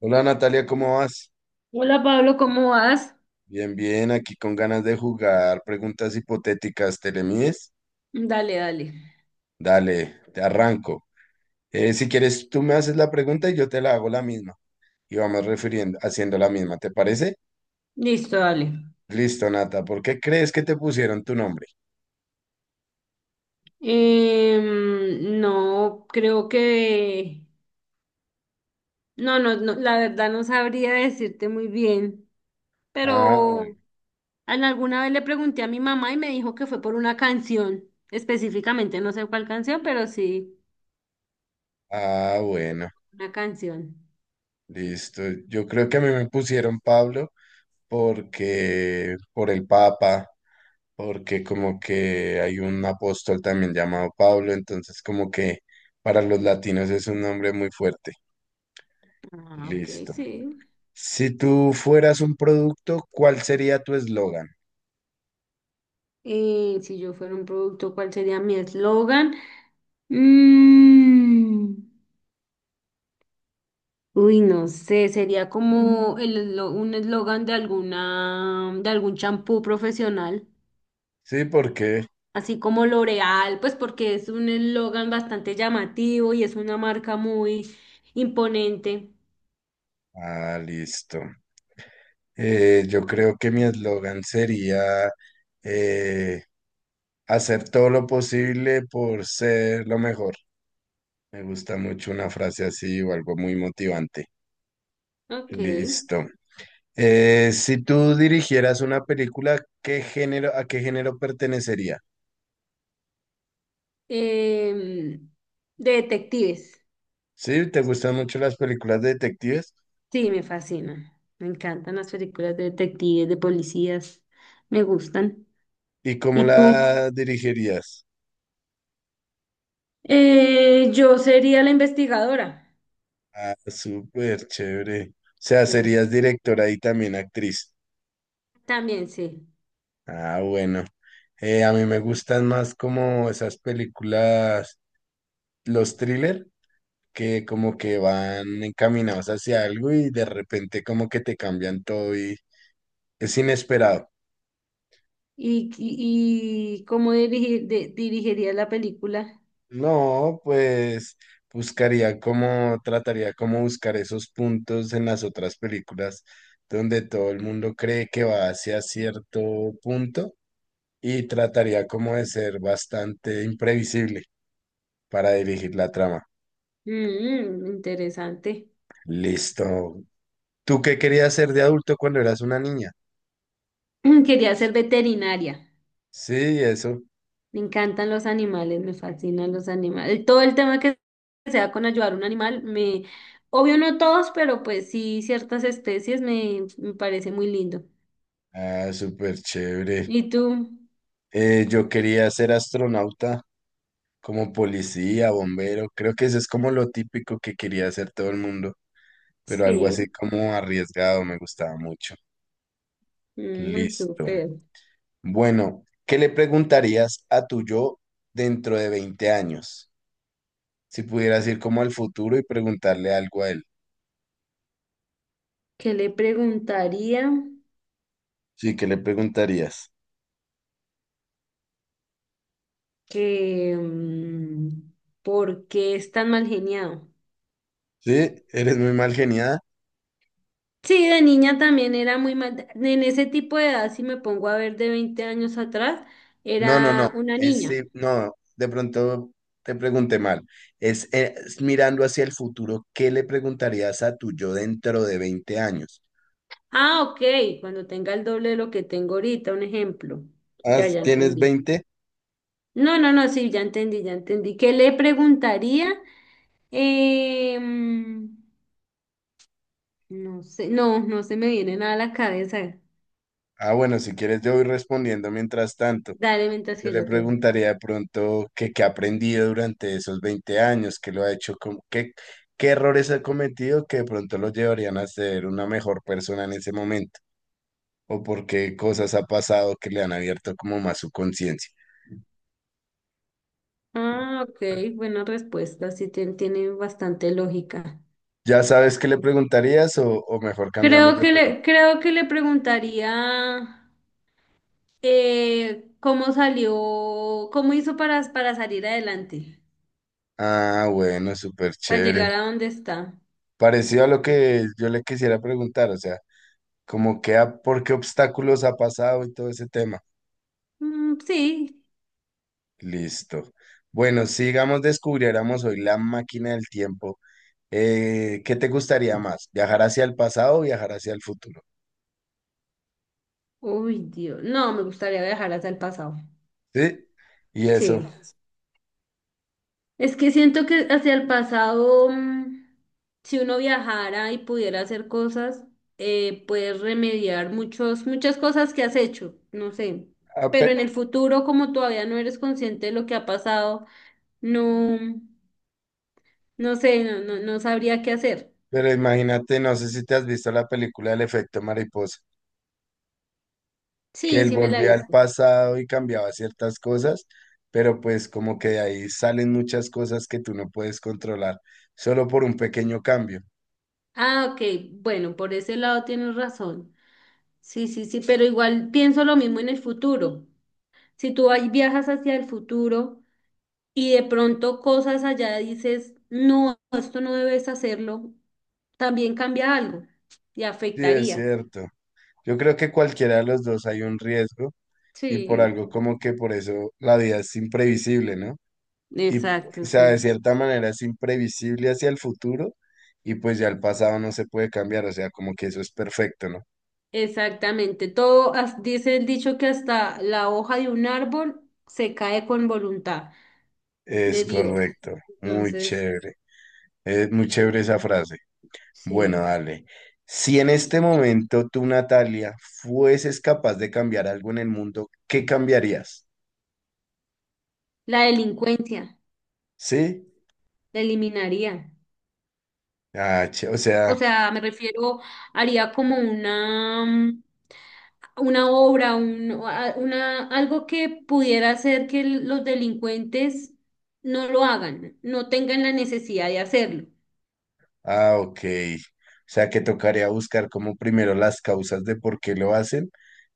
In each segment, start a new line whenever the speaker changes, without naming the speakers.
Hola Natalia, ¿cómo vas?
Hola Pablo, ¿cómo vas?
Bien, bien, aquí con ganas de jugar preguntas hipotéticas, ¿te le mides?
Dale, dale.
Dale, te arranco. Si quieres, tú me haces la pregunta y yo te la hago la misma. Y vamos refiriendo, haciendo la misma, ¿te parece?
Listo, dale.
Listo, Nata, ¿por qué crees que te pusieron tu nombre?
No, creo que... No, no, no, la verdad no sabría decirte muy bien,
Ah, bueno.
pero en alguna vez le pregunté a mi mamá y me dijo que fue por una canción, específicamente, no sé cuál canción, pero sí,
Ah, bueno,
una canción.
listo. Yo creo que a mí me pusieron Pablo porque por el Papa, porque como que hay un apóstol también llamado Pablo, entonces como que para los latinos es un nombre muy fuerte.
Ah, ok,
Listo.
sí.
Si tú fueras un producto, ¿cuál sería tu eslogan?
Si yo fuera un producto, ¿cuál sería mi eslogan? Mm. Uy, no sé, sería como un eslogan de alguna, de algún champú profesional,
Sí, porque...
así como L'Oreal, pues porque es un eslogan bastante llamativo y es una marca muy imponente.
Ah, listo. Yo creo que mi eslogan sería eh, hacer todo lo posible por ser lo mejor. Me gusta mucho una frase así o algo muy motivante.
Ok.
Listo. Si tú dirigieras una película, ¿qué género, a qué género pertenecería?
Em, de detectives,
¿Sí? ¿Te gustan mucho las películas de detectives?
sí, me fascina. Me encantan las películas de detectives, de policías, me gustan.
¿Y cómo
¿Y tú?
la dirigirías?
Yo sería la investigadora.
Ah, súper chévere. O sea,
Sí,
serías directora y también actriz.
también sí.
Ah, bueno. A mí me gustan más como esas películas, los thriller, que como que van encaminados hacia algo y de repente como que te cambian todo y es inesperado.
¿Y cómo dirigiría la película?
No, pues buscaría cómo, trataría cómo buscar esos puntos en las otras películas donde todo el mundo cree que va hacia cierto punto y trataría como de ser bastante imprevisible para dirigir la trama.
Mm, interesante.
Listo. ¿Tú qué querías ser de adulto cuando eras una niña?
Quería ser veterinaria.
Sí, eso.
Me encantan los animales, me fascinan los animales. Todo el tema que sea con ayudar a un animal, me, obvio no todos, pero pues sí ciertas especies me, me parece muy lindo.
Ah, súper chévere.
¿Y tú?
Yo quería ser astronauta, como policía, bombero. Creo que eso es como lo típico que quería hacer todo el mundo, pero algo así
Sí,
como arriesgado me gustaba mucho.
mm,
Listo.
súper.
Bueno, ¿qué le preguntarías a tu yo dentro de 20 años? Si pudieras ir como al futuro y preguntarle algo a él.
¿Qué le preguntaría?
Sí, ¿qué le preguntarías?
Que, mm, ¿por qué es tan mal geniado?
Sí, eres muy mal geniada.
Sí, de niña también era muy mal. En ese tipo de edad, si me pongo a ver de 20 años atrás,
No, no, no.
era una niña.
No, de pronto te pregunté mal. Es mirando hacia el futuro, ¿qué le preguntarías a tu yo dentro de 20 años?
Ah, ok, cuando tenga el doble de lo que tengo ahorita, un ejemplo.
Ah,
Ya,
¿si
ya
tienes
entendí.
20?
No, no, no, sí, ya entendí, ya entendí. ¿Qué le preguntaría? Eh, mm, no sé, no, no se me viene nada a la cabeza.
Ah, bueno, si quieres yo voy respondiendo mientras tanto.
Dale mientras
Yo
que
le
yo pienso.
preguntaría de pronto que qué ha aprendido durante esos 20 años, qué lo ha hecho, qué, qué errores ha cometido que de pronto lo llevarían a ser una mejor persona en ese momento, o por qué cosas ha pasado que le han abierto como más su conciencia.
Ah, ok, buena respuesta, sí tiene bastante lógica.
¿Ya sabes qué le preguntarías o mejor cambiamos de pregunta?
Creo que le preguntaría. ¿Cómo salió? ¿Cómo hizo para salir adelante?
Ah, bueno, súper
Para
chévere.
llegar a donde está.
Parecido a lo que yo le quisiera preguntar, o sea, como que por qué obstáculos ha pasado y todo ese tema.
Mm, sí.
Listo. Bueno, sigamos, descubriéramos hoy la máquina del tiempo. ¿Qué te gustaría más? ¿Viajar hacia el pasado o viajar hacia el futuro?
Uy, Dios. No, me gustaría viajar hacia el pasado.
¿Sí? Y eso.
Sí. Es que siento que hacia el pasado, mm, si uno viajara y pudiera hacer cosas, puedes remediar muchas cosas que has hecho, no sé.
Ah,
Pero
pe-
en el futuro, como todavía no eres consciente de lo que ha pasado, no, no sé, no sabría qué hacer.
pero imagínate, no sé si te has visto la película El efecto mariposa. Que
Sí,
él
sí me la he
volvía al
visto.
pasado y cambiaba ciertas cosas, pero pues como que de ahí salen muchas cosas que tú no puedes controlar, solo por un pequeño cambio.
Ah, ok. Bueno, por ese lado tienes razón. Sí, sí, sí, pero igual pienso lo mismo en el futuro. Si tú ahí viajas hacia el futuro y de pronto cosas allá dices, no, esto no debes hacerlo, también cambia algo y
Sí, es
afectaría.
cierto. Yo creo que cualquiera de los dos hay un riesgo y por
Sí,
algo como que por eso la vida es imprevisible, ¿no? Y, o
exacto,
sea, de
sí.
cierta manera es imprevisible hacia el futuro y pues ya el pasado no se puede cambiar, o sea, como que eso es perfecto, ¿no?
Exactamente. Todo, dice el dicho que hasta la hoja de un árbol se cae con voluntad de
Es
Dios.
correcto, muy
Entonces,
chévere, es muy chévere esa frase. Bueno,
sí.
dale. Si en este momento tú, Natalia, fueses capaz de cambiar algo en el mundo, ¿qué cambiarías?
La delincuencia.
¿Sí?
La eliminaría.
Ah, che- o sea,
O sea, me refiero, haría como una, mm, una obra, un, una, algo que pudiera hacer que los delincuentes no lo hagan, no tengan la necesidad de hacerlo.
ah, ok. O sea, que tocaría buscar como primero las causas de por qué lo hacen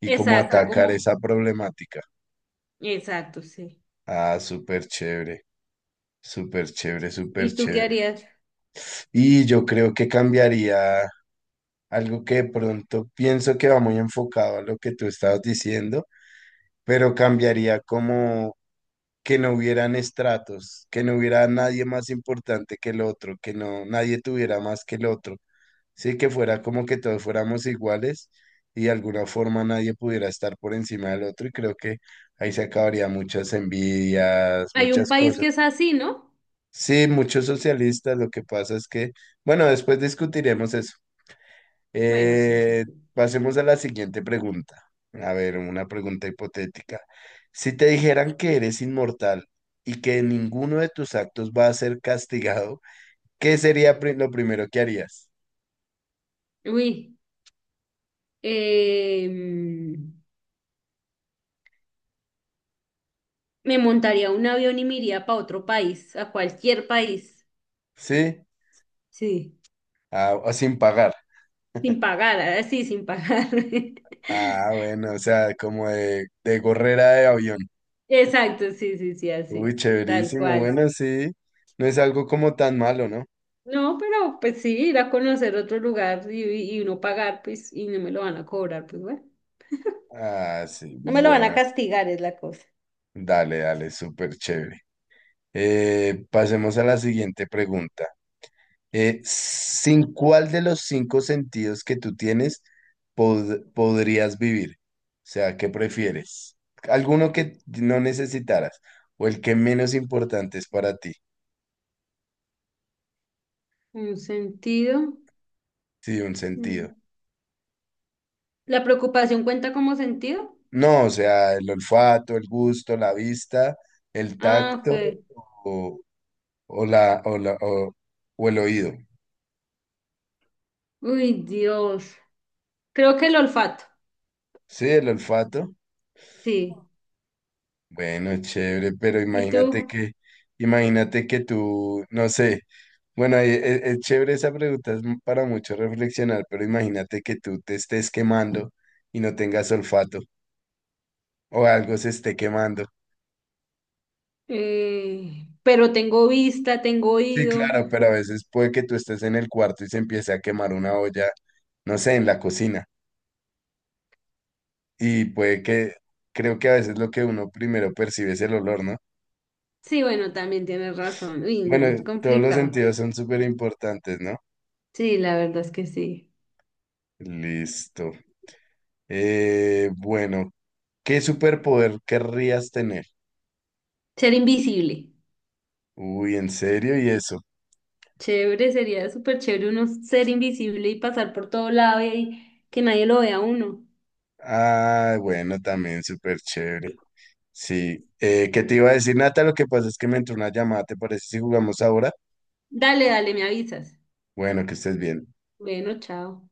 y cómo exacto,
Exacto,
atacar
como,
esa problemática.
exacto, sí.
Ah, súper chévere, súper chévere, súper
¿Y tú qué
chévere.
harías?
Y yo creo que cambiaría algo que de pronto pienso que va muy enfocado a lo que tú estabas diciendo, pero cambiaría como que no hubieran estratos, que no hubiera nadie más importante que el otro, que no nadie tuviera más que el otro, sí, que fuera como que todos fuéramos iguales y de alguna forma nadie pudiera estar por encima del otro y creo que ahí se acabaría muchas envidias,
Hay un
muchas
país
cosas.
que es así, ¿no?
Sí, muchos socialistas, lo que pasa es que, bueno, después discutiremos eso.
Bueno, sí, sí,
Eh,
sí.
pasemos a la siguiente pregunta. A ver, una pregunta hipotética. Si te dijeran que eres inmortal y que ninguno de tus actos va a ser castigado, ¿qué sería lo primero que harías?
Uy, eh, mm, Me montaría un avión y me iría para otro país, a cualquier país.
¿Sí?
Sí.
Ah, o sin pagar.
Sin pagar, así, sin pagar.
Ah, bueno, o sea, como de gorrera de avión.
Exacto, sí, sí, sí,
Uy,
así, tal
chéverísimo.
cual.
Bueno, sí. No es algo como tan malo, ¿no?
No, pero pues sí, ir a conocer otro lugar y uno pagar, pues, y no me lo van a cobrar, pues bueno.
Ah, sí.
No me lo van a
Bueno,
castigar, es la cosa.
dale, dale, súper chévere. Pasemos a la siguiente pregunta. ¿Sin cuál de los cinco sentidos que tú tienes podrías vivir? O sea, ¿qué prefieres? ¿Alguno que no necesitaras o el que menos importante es para ti?
Un sentido.
Sí, un sentido.
Mm. ¿La preocupación cuenta como sentido?
No, o sea, el olfato, el gusto, la vista, el
Ah,
tacto
ok.
o, o la, o, la- o el oído.
Uy, Dios. Creo que el olfato,
Sí, el olfato.
sí.
Bueno, chévere, pero
¿Y tú?
imagínate que tú, no sé, bueno, es, chévere esa pregunta, es para mucho reflexionar, pero imagínate que tú te estés quemando y no tengas olfato o algo se esté quemando.
Pero tengo vista, tengo
Sí,
oído.
claro, pero a veces puede que tú estés en el cuarto y se empiece a quemar una olla, no sé, en la cocina. Y puede que, creo que a veces lo que uno primero percibe es el olor, ¿no?
Sí, bueno, también tienes razón. Uy, no, es
Bueno, todos los
complicado.
sentidos son súper importantes, ¿no?
Sí, la verdad es que sí.
Listo. Bueno, ¿qué superpoder querrías tener?
Ser invisible.
Uy, ¿en serio? ¿Y eso?
Chévere, sería súper chévere uno ser invisible y pasar por todo lado y que nadie lo vea a uno.
Ah, bueno, también súper chévere. Sí. ¿Qué te iba a decir, Nata? Lo que pasa es que me entró una llamada, ¿te parece si jugamos ahora?
Dale, dale, me avisas.
Bueno, que estés bien.
Bueno, chao.